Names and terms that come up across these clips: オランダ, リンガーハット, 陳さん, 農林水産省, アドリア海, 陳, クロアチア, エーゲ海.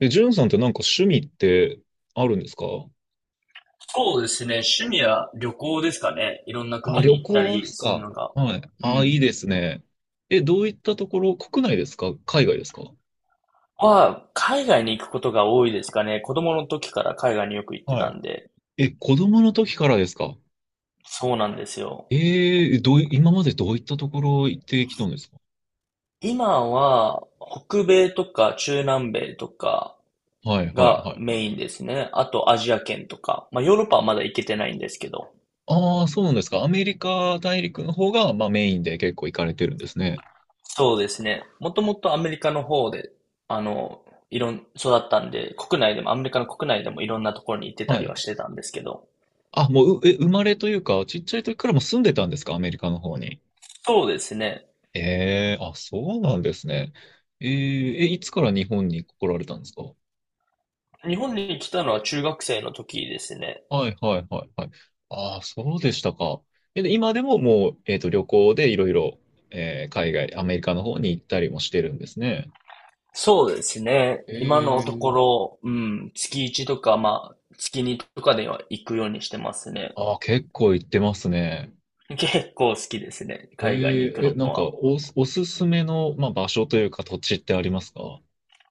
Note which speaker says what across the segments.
Speaker 1: ジュンさんってなんか趣味ってあるんですか？
Speaker 2: そうですね。趣味は旅行ですかね。いろんな
Speaker 1: あ、
Speaker 2: 国
Speaker 1: 旅
Speaker 2: に行った
Speaker 1: 行で
Speaker 2: り
Speaker 1: す
Speaker 2: する
Speaker 1: か。
Speaker 2: のが。
Speaker 1: はい。
Speaker 2: う
Speaker 1: ああ、い
Speaker 2: ん。
Speaker 1: いですね。どういったところ、国内ですか海外ですか？
Speaker 2: 海外に行くことが多いですかね。子供の時から海外によく行って
Speaker 1: は
Speaker 2: た
Speaker 1: い。
Speaker 2: んで。
Speaker 1: 子供の時からですか？
Speaker 2: そうなんですよ。
Speaker 1: えー、どうい、今までどういったところ行ってきたんですか？
Speaker 2: 今は、北米とか中南米とか
Speaker 1: はい、はい、
Speaker 2: が
Speaker 1: はい、はい。
Speaker 2: メインですね。あとアジア圏とか。まあヨーロッパはまだ行けてないんですけど。
Speaker 1: ああ、そうなんですか。アメリカ大陸の方が、まあ、メインで結構行かれてるんですね。
Speaker 2: そうですね。もともとアメリカの方で、あの、いろん、育ったんで、国内でも、アメリカの国内でもいろんなところに行ってた
Speaker 1: は
Speaker 2: りは
Speaker 1: い。
Speaker 2: してたんですけど。
Speaker 1: あ、もう、生まれというか、ちっちゃい時からもう住んでたんですかアメリカの方に？
Speaker 2: そうですね。
Speaker 1: ええ、そうなんですね。えーえ、いつから日本に来られたんですか？
Speaker 2: 日本に来たのは中学生の時ですね。
Speaker 1: はいはいはいはい。ああ、そうでしたか。で今でももう、旅行でいろいろ、海外、アメリカの方に行ったりもしてるんですね。
Speaker 2: そうですね。今のとこ
Speaker 1: ええ
Speaker 2: ろ、月1とか、まあ、月にとかでは行くようにしてますね。
Speaker 1: ああ、結構行ってますね。
Speaker 2: 結構好きですね。
Speaker 1: え
Speaker 2: 海外に行
Speaker 1: え
Speaker 2: く
Speaker 1: え、
Speaker 2: の
Speaker 1: なんか
Speaker 2: は。
Speaker 1: おすすめの、まあ、場所というか土地ってありますか？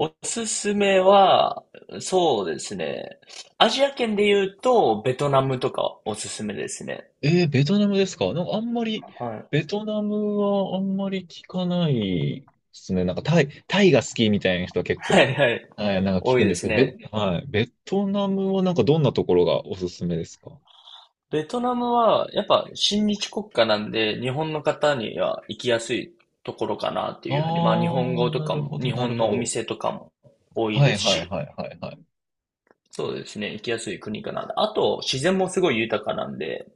Speaker 2: おすすめは、そうですね。アジア圏で言うと、ベトナムとかおすすめですね。
Speaker 1: ベトナムですか？なんかあんまり、
Speaker 2: はい。
Speaker 1: ベトナムはあんまり聞かないですね。なんかタイが好きみたいな人は結
Speaker 2: は
Speaker 1: 構、
Speaker 2: いはい。
Speaker 1: はい、なんか聞
Speaker 2: 多
Speaker 1: く
Speaker 2: い
Speaker 1: んで
Speaker 2: で
Speaker 1: す
Speaker 2: す
Speaker 1: けど、
Speaker 2: ね。
Speaker 1: はい、ベトナムはなんかどんなところがおすすめですか？
Speaker 2: ベトナムは、やっぱ親日国家なんで、日本の方には行きやすいところかなっていうふうに。まあ、日本
Speaker 1: あ
Speaker 2: 語
Speaker 1: ー、
Speaker 2: と
Speaker 1: な
Speaker 2: か
Speaker 1: る
Speaker 2: も、
Speaker 1: ほど、
Speaker 2: 日
Speaker 1: なる
Speaker 2: 本
Speaker 1: ほ
Speaker 2: のお
Speaker 1: ど。
Speaker 2: 店とかも多い
Speaker 1: は
Speaker 2: で
Speaker 1: い、
Speaker 2: す
Speaker 1: はい、
Speaker 2: し。
Speaker 1: はい、はい、はい。
Speaker 2: そうですね、行きやすい国かな。あと、自然もすごい豊かなんで。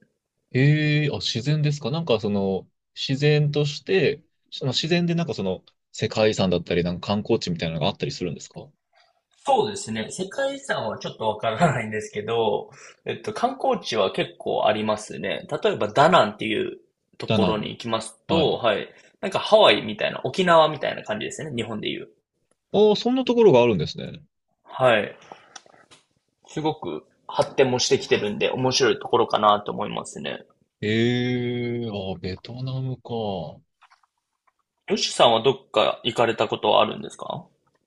Speaker 1: 自然ですか？なんかその、自然として、その自然でなんかその、世界遺産だったり、なんか観光地みたいなのがあったりするんですか？
Speaker 2: そうですね、世界遺産はちょっとわからないんですけど、観光地は結構ありますね。例えば、ダナンっていうと
Speaker 1: だ
Speaker 2: ころ
Speaker 1: な。
Speaker 2: に行きます
Speaker 1: は
Speaker 2: と、
Speaker 1: い。
Speaker 2: はい。なんかハワイみたいな、沖縄みたいな感じですね、日本で言う。
Speaker 1: あー、そんなところがあるんですね。
Speaker 2: はい。すごく発展もしてきてるんで、面白いところかなと思いますね。
Speaker 1: ええ、ベトナムか。
Speaker 2: ヨシさんはどっか行かれたことはあるんですか？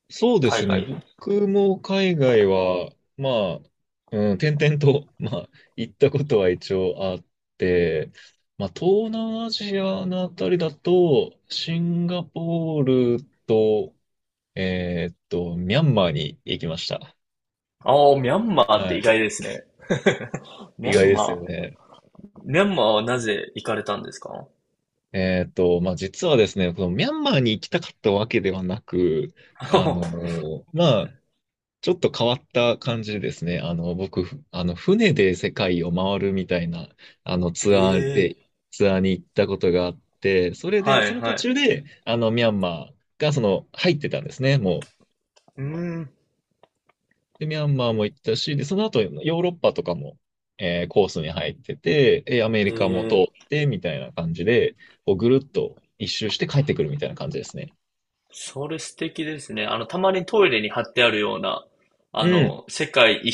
Speaker 1: そうで
Speaker 2: 海
Speaker 1: すね。
Speaker 2: 外。
Speaker 1: 僕も海外は、まあ、うん、転々と、まあ、行ったことは一応あって、まあ、東南アジアのあたりだと、シンガポールと、ミャンマーに行きました。
Speaker 2: ああ、ミャンマーって
Speaker 1: は
Speaker 2: 意
Speaker 1: い。
Speaker 2: 外ですね。ミ
Speaker 1: 意外
Speaker 2: ャン
Speaker 1: です
Speaker 2: マ
Speaker 1: よ
Speaker 2: ー。
Speaker 1: ね。
Speaker 2: ミャンマーはなぜ行かれたんですか？
Speaker 1: まあ、実はですね、このミャンマーに行きたかったわけではなく、
Speaker 2: は
Speaker 1: ま
Speaker 2: い
Speaker 1: あ、ちょっと変わった感じですね。あの、僕、ふあの、船で世界を回るみたいな、あの、
Speaker 2: ええ
Speaker 1: ツアーに行ったことがあって、それで、
Speaker 2: はい
Speaker 1: その途
Speaker 2: はい。
Speaker 1: 中で、あの、ミャンマーが、その、入ってたんですね、もう。
Speaker 2: うーん。
Speaker 1: で、ミャンマーも行ったし、で、その後、ヨーロッパとかも、コースに入ってて、アメリカも通っ
Speaker 2: ええ
Speaker 1: て、みたいな感じで、こう、ぐるっと一周して帰ってくるみたいな感じですね。
Speaker 2: それ素敵ですね。たまにトイレに貼ってあるような、
Speaker 1: うん。
Speaker 2: 世界一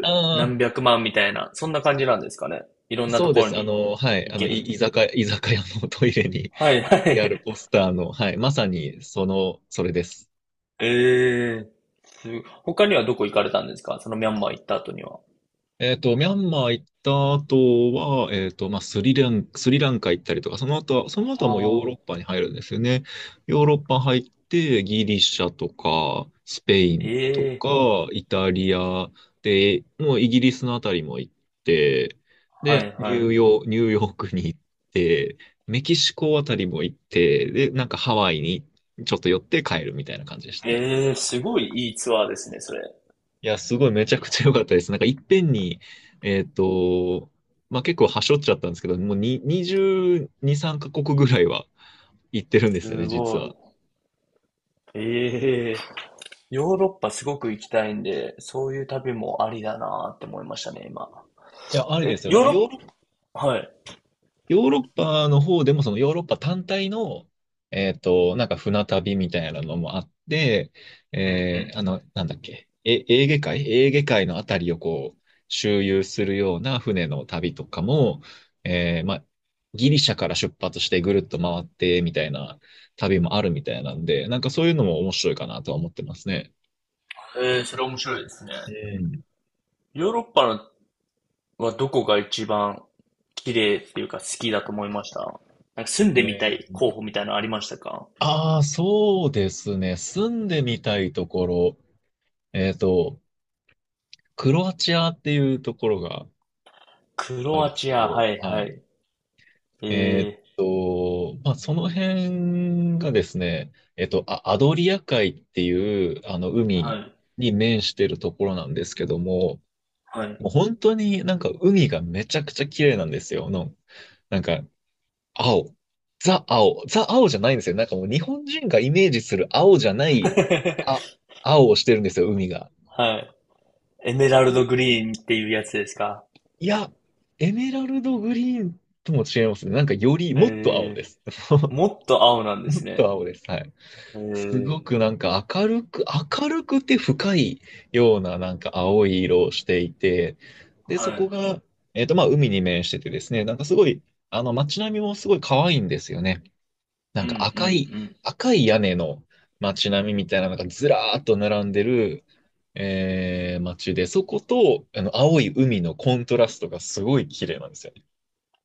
Speaker 1: あ
Speaker 2: 何
Speaker 1: あ、
Speaker 2: 百万みたいな、そんな感じなんですかね。いろんなと
Speaker 1: そうで
Speaker 2: ころ
Speaker 1: す。あ
Speaker 2: に
Speaker 1: の、はい。
Speaker 2: 行
Speaker 1: あの、
Speaker 2: ける
Speaker 1: い、
Speaker 2: みた
Speaker 1: 居
Speaker 2: いな。
Speaker 1: 酒屋、居酒屋のトイレに
Speaker 2: はい
Speaker 1: 貼
Speaker 2: は
Speaker 1: ってある
Speaker 2: い。
Speaker 1: ポスターの、はい。まさに、その、それです。
Speaker 2: ええ、すごい他にはどこ行かれたんですか？そのミャンマー行った後には。
Speaker 1: ミャンマー行った後は、まあ、スリランカ行ったりとか、その後は、その後
Speaker 2: あ
Speaker 1: はもうヨーロッ
Speaker 2: あ、
Speaker 1: パに入るんですよね。ヨーロッパ入って、ギリシャとか、スペインと
Speaker 2: ええ、
Speaker 1: か、イタリアで、もうイギリスのあたりも行って、
Speaker 2: は
Speaker 1: で、
Speaker 2: いはい。
Speaker 1: ニューヨークに行って、メキシコあたりも行って、で、なんかハワイにちょっと寄って帰るみたいな感じですね。
Speaker 2: ええ、すごいいいツアーですね、それ。
Speaker 1: いや、すごいめちゃ
Speaker 2: い
Speaker 1: く
Speaker 2: や、
Speaker 1: ちゃ良かったです。なんかいっぺんに、えっと、まあ結構はしょっちゃったんですけど、もうに22、3カ国ぐらいは行ってるんですよね、
Speaker 2: す
Speaker 1: 実
Speaker 2: ご
Speaker 1: は。
Speaker 2: い。ええ、ヨーロッパすごく行きたいんで、そういう旅もありだなーって思いましたね、今。
Speaker 1: いや、ありで
Speaker 2: え、
Speaker 1: すよ。な
Speaker 2: ヨ
Speaker 1: ん
Speaker 2: ー
Speaker 1: かヨ
Speaker 2: ロ
Speaker 1: ーロッ
Speaker 2: ッパ、はい。
Speaker 1: ヨーロッパの方でも、そのヨーロッパ単体の、なんか船旅みたいなのもあって、
Speaker 2: うんうん。
Speaker 1: あの、なんだっけ、エーゲ海のあたりをこう、周遊するような船の旅とかも、まあ、ギリシャから出発してぐるっと回ってみたいな旅もあるみたいなんで、なんかそういうのも面白いかなとは思ってますね。
Speaker 2: ええ、それ面白いですね。
Speaker 1: うん
Speaker 2: ヨーロッパのはどこが一番綺麗っていうか好きだと思いました？なんか住んでみた
Speaker 1: え
Speaker 2: い
Speaker 1: ー、
Speaker 2: 候補みたいなのありましたか？
Speaker 1: ああ、そうですね。住んでみたいところ。えっと、クロアチアっていうところが
Speaker 2: ク
Speaker 1: あ
Speaker 2: ロ
Speaker 1: るん
Speaker 2: ア
Speaker 1: です
Speaker 2: チ
Speaker 1: け
Speaker 2: ア、は
Speaker 1: ど、
Speaker 2: い
Speaker 1: は
Speaker 2: は
Speaker 1: い。
Speaker 2: い。
Speaker 1: え
Speaker 2: え
Speaker 1: ーっ
Speaker 2: え、
Speaker 1: まあ、その辺がですね、アドリア海っていう、あの、
Speaker 2: は
Speaker 1: 海
Speaker 2: い、
Speaker 1: に面してるところなんですけども、
Speaker 2: はい。
Speaker 1: もう本当になんか海がめちゃくちゃ綺麗なんですよ。の、なんか、青。ザ青。ザ青じゃないんですよ。なんかもう日本人がイメージする青じゃない、あ、青をしてるんですよ、海が。
Speaker 2: はい。エメラル
Speaker 1: そ
Speaker 2: ド
Speaker 1: う
Speaker 2: グリーンっていうやつですか。
Speaker 1: いや、エメラルドグリーンとも違いますね。なんかより、もっと青
Speaker 2: え
Speaker 1: で
Speaker 2: え、
Speaker 1: す。
Speaker 2: もっと青なんで
Speaker 1: も
Speaker 2: す
Speaker 1: っと
Speaker 2: ね。
Speaker 1: 青です。はい。
Speaker 2: え
Speaker 1: す
Speaker 2: え、
Speaker 1: ごくなんか明るくて深いようななんか青い色をしていて、で、
Speaker 2: は
Speaker 1: そこ
Speaker 2: い。
Speaker 1: が、まあ、海に面しててですね、なんかすごい、あの、街並みもすごい可愛いんですよね。な
Speaker 2: う
Speaker 1: ん
Speaker 2: んう
Speaker 1: か
Speaker 2: ん
Speaker 1: 赤い、
Speaker 2: うん。
Speaker 1: 赤い屋根の街並みみたいなのがずらーっと並んでる、街で、そこと、あの、青い海のコントラストがすごい綺麗なんですよ。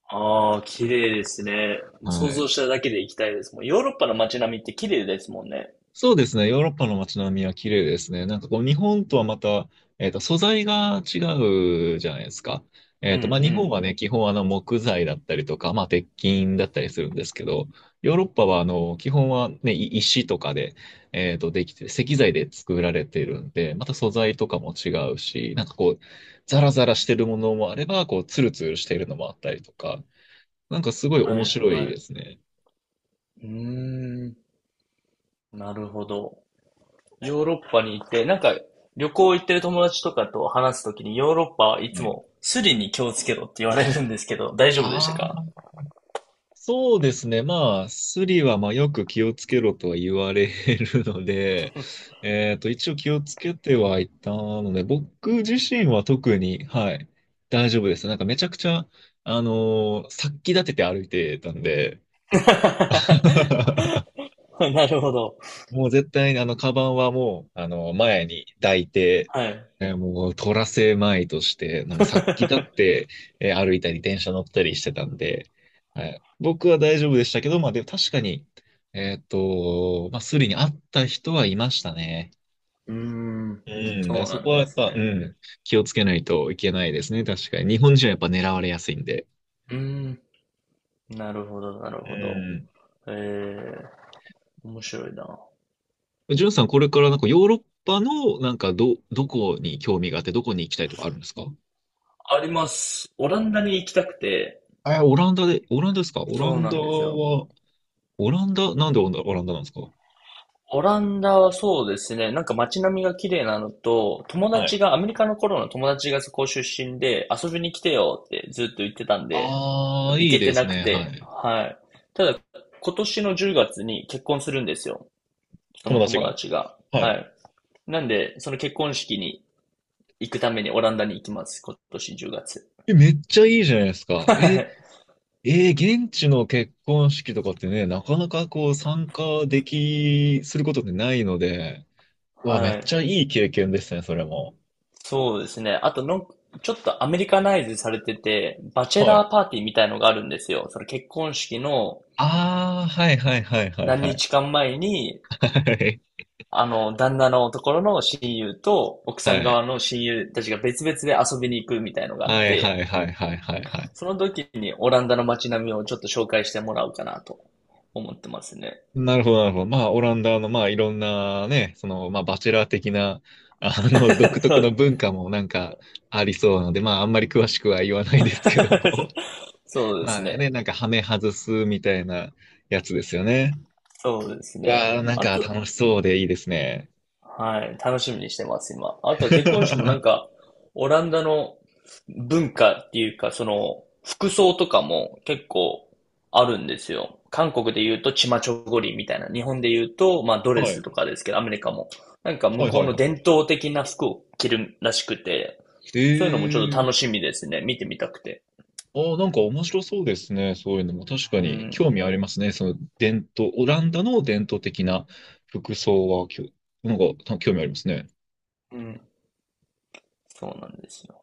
Speaker 2: ああ、綺麗ですね。もう
Speaker 1: は
Speaker 2: 想像
Speaker 1: い。
Speaker 2: しただけで行きたいです。もうヨーロッパの街並みって綺麗ですもんね。
Speaker 1: そうですね。ヨーロッパの街並みは綺麗ですね。なんかこう、日本とはまた、素材が違うじゃないですか。
Speaker 2: うんう
Speaker 1: まあ、日本
Speaker 2: ん。
Speaker 1: はね、基本あの、木材だったりとか、まあ、鉄筋だったりするんですけど、ヨーロッパはあの、基本はね、い石とかで、できて、石材で作られているんで、また素材とかも違うし、なんかこう、ザラザラしてるものもあれば、こう、ツルツルしているのもあったりとか、なんかすごい
Speaker 2: は
Speaker 1: 面
Speaker 2: い
Speaker 1: 白い
Speaker 2: はい。
Speaker 1: で
Speaker 2: う
Speaker 1: すね。
Speaker 2: ーん。なるほど。ヨーロッパに行って、なんか旅行行ってる友達とかと話すときにヨーロッパはい
Speaker 1: は
Speaker 2: つ
Speaker 1: い。
Speaker 2: もスリに気をつけろって言われるんですけど、大丈夫でした
Speaker 1: あ
Speaker 2: か？
Speaker 1: あ。そうですね。まあ、スリはまあよく気をつけろとは言われるので、一応気をつけてはいたので、僕自身は特に、はい、大丈夫です。なんかめちゃくちゃ、殺気立てて歩いてたんで、
Speaker 2: なるほど。
Speaker 1: もう絶対にあの、カバンはもう、あの、前に抱いて、
Speaker 2: はい。
Speaker 1: もう、取らせまいとして、もうさっ き立って、歩いたり、電車乗ったりしてたんで、はい、僕は大丈夫でしたけど、まあ、でも確かに、まあ、スリに会った人はいましたね。
Speaker 2: うーん。
Speaker 1: うん、
Speaker 2: そ
Speaker 1: だから
Speaker 2: う
Speaker 1: そ
Speaker 2: なん
Speaker 1: こは
Speaker 2: で
Speaker 1: やっ
Speaker 2: す
Speaker 1: ぱ、う
Speaker 2: ね。
Speaker 1: ん、気をつけないといけないですね、確かに。日本人はやっぱ狙われやすいんで。
Speaker 2: うーん。なるほど、なる
Speaker 1: う
Speaker 2: ほど。
Speaker 1: ん。
Speaker 2: えー、面白いな。
Speaker 1: ジュンさん、これからなんかヨーロッパの、なんかどこに興味があって、どこに行きたいとかあるんですか？
Speaker 2: あります。オランダに行きたくて、
Speaker 1: え、オランダで、オランダですか？オラ
Speaker 2: そう
Speaker 1: ン
Speaker 2: な
Speaker 1: ダ
Speaker 2: んですよ。
Speaker 1: は、オランダ、なんでオランダなんですか？
Speaker 2: オランダはそうですね、なんか街並みが綺麗なのと、友
Speaker 1: は
Speaker 2: 達
Speaker 1: い。
Speaker 2: が、アメリカの頃の友達がそこ出身で、遊びに来てよってずっと言ってたんで、
Speaker 1: ああ、
Speaker 2: 行
Speaker 1: いい
Speaker 2: けて
Speaker 1: です
Speaker 2: なく
Speaker 1: ね。は
Speaker 2: て、
Speaker 1: い。
Speaker 2: はい。ただ、今年の10月に結婚するんですよ。そ
Speaker 1: 友
Speaker 2: の
Speaker 1: 達
Speaker 2: 友
Speaker 1: が。
Speaker 2: 達が。
Speaker 1: は
Speaker 2: は
Speaker 1: い。
Speaker 2: い。なんで、その結婚式に行くためにオランダに行きます。今年10月。
Speaker 1: めっちゃいいじゃないですか。
Speaker 2: は
Speaker 1: え、
Speaker 2: い。
Speaker 1: えー現地の結婚式とかってね、なかなかこう参加でき、することってないので、うわ、めっ
Speaker 2: はい。
Speaker 1: ちゃいい経験ですね、それも。
Speaker 2: そうですね。あとの、ちょっとアメリカナイズされてて、バチェ
Speaker 1: は
Speaker 2: ラ
Speaker 1: い。
Speaker 2: ーパーティーみたいのがあるんですよ。その結婚式の、
Speaker 1: ああ、はいはいはいはい
Speaker 2: 何
Speaker 1: はい。
Speaker 2: 日間前に、
Speaker 1: はい。
Speaker 2: 旦那のところの親友と、奥さん側
Speaker 1: は
Speaker 2: の親友たちが別々で遊びに行くみたいのが
Speaker 1: い
Speaker 2: あっ
Speaker 1: はいは
Speaker 2: て、
Speaker 1: いはいはいはいはい。
Speaker 2: その時にオランダの街並みをちょっと紹介してもらおうかなと思ってますね。
Speaker 1: なるほど、なるほど。まあ、オランダの、まあ、いろんなね、その、まあ、バチェラー的な、あの、独
Speaker 2: そ
Speaker 1: 特の
Speaker 2: う。
Speaker 1: 文化もなんかありそうなので、まあ、あんまり詳しくは言わないですけ ども。
Speaker 2: そ うです
Speaker 1: まあね、
Speaker 2: ね。
Speaker 1: なんか、ハメ外すみたいなやつですよね。
Speaker 2: そうです
Speaker 1: い
Speaker 2: ね。
Speaker 1: やー、なん
Speaker 2: あ
Speaker 1: か
Speaker 2: と、
Speaker 1: 楽しそうでいいですね。
Speaker 2: はい、楽しみにしてます、今。あとは結婚式もなん か、オランダの文化っていうか、服装とかも結構あるんですよ。韓国で言うとチマチョゴリみたいな、日本で言うと、まあドレ
Speaker 1: は
Speaker 2: スと
Speaker 1: い。
Speaker 2: かですけど、アメリカも。なんか向
Speaker 1: はい
Speaker 2: こう
Speaker 1: はい
Speaker 2: の
Speaker 1: は
Speaker 2: 伝統的な服を着るらしくて、
Speaker 1: い。
Speaker 2: そういうのもちょっと
Speaker 1: ええー
Speaker 2: 楽しみですね。見てみたくて。
Speaker 1: あーなんか面白そうですね。そういうのも確か
Speaker 2: う
Speaker 1: に
Speaker 2: ん、
Speaker 1: 興味ありますね。その伝統、オランダの伝統的な服装はなんかた興味ありますね。
Speaker 2: うん、そうなんですよ。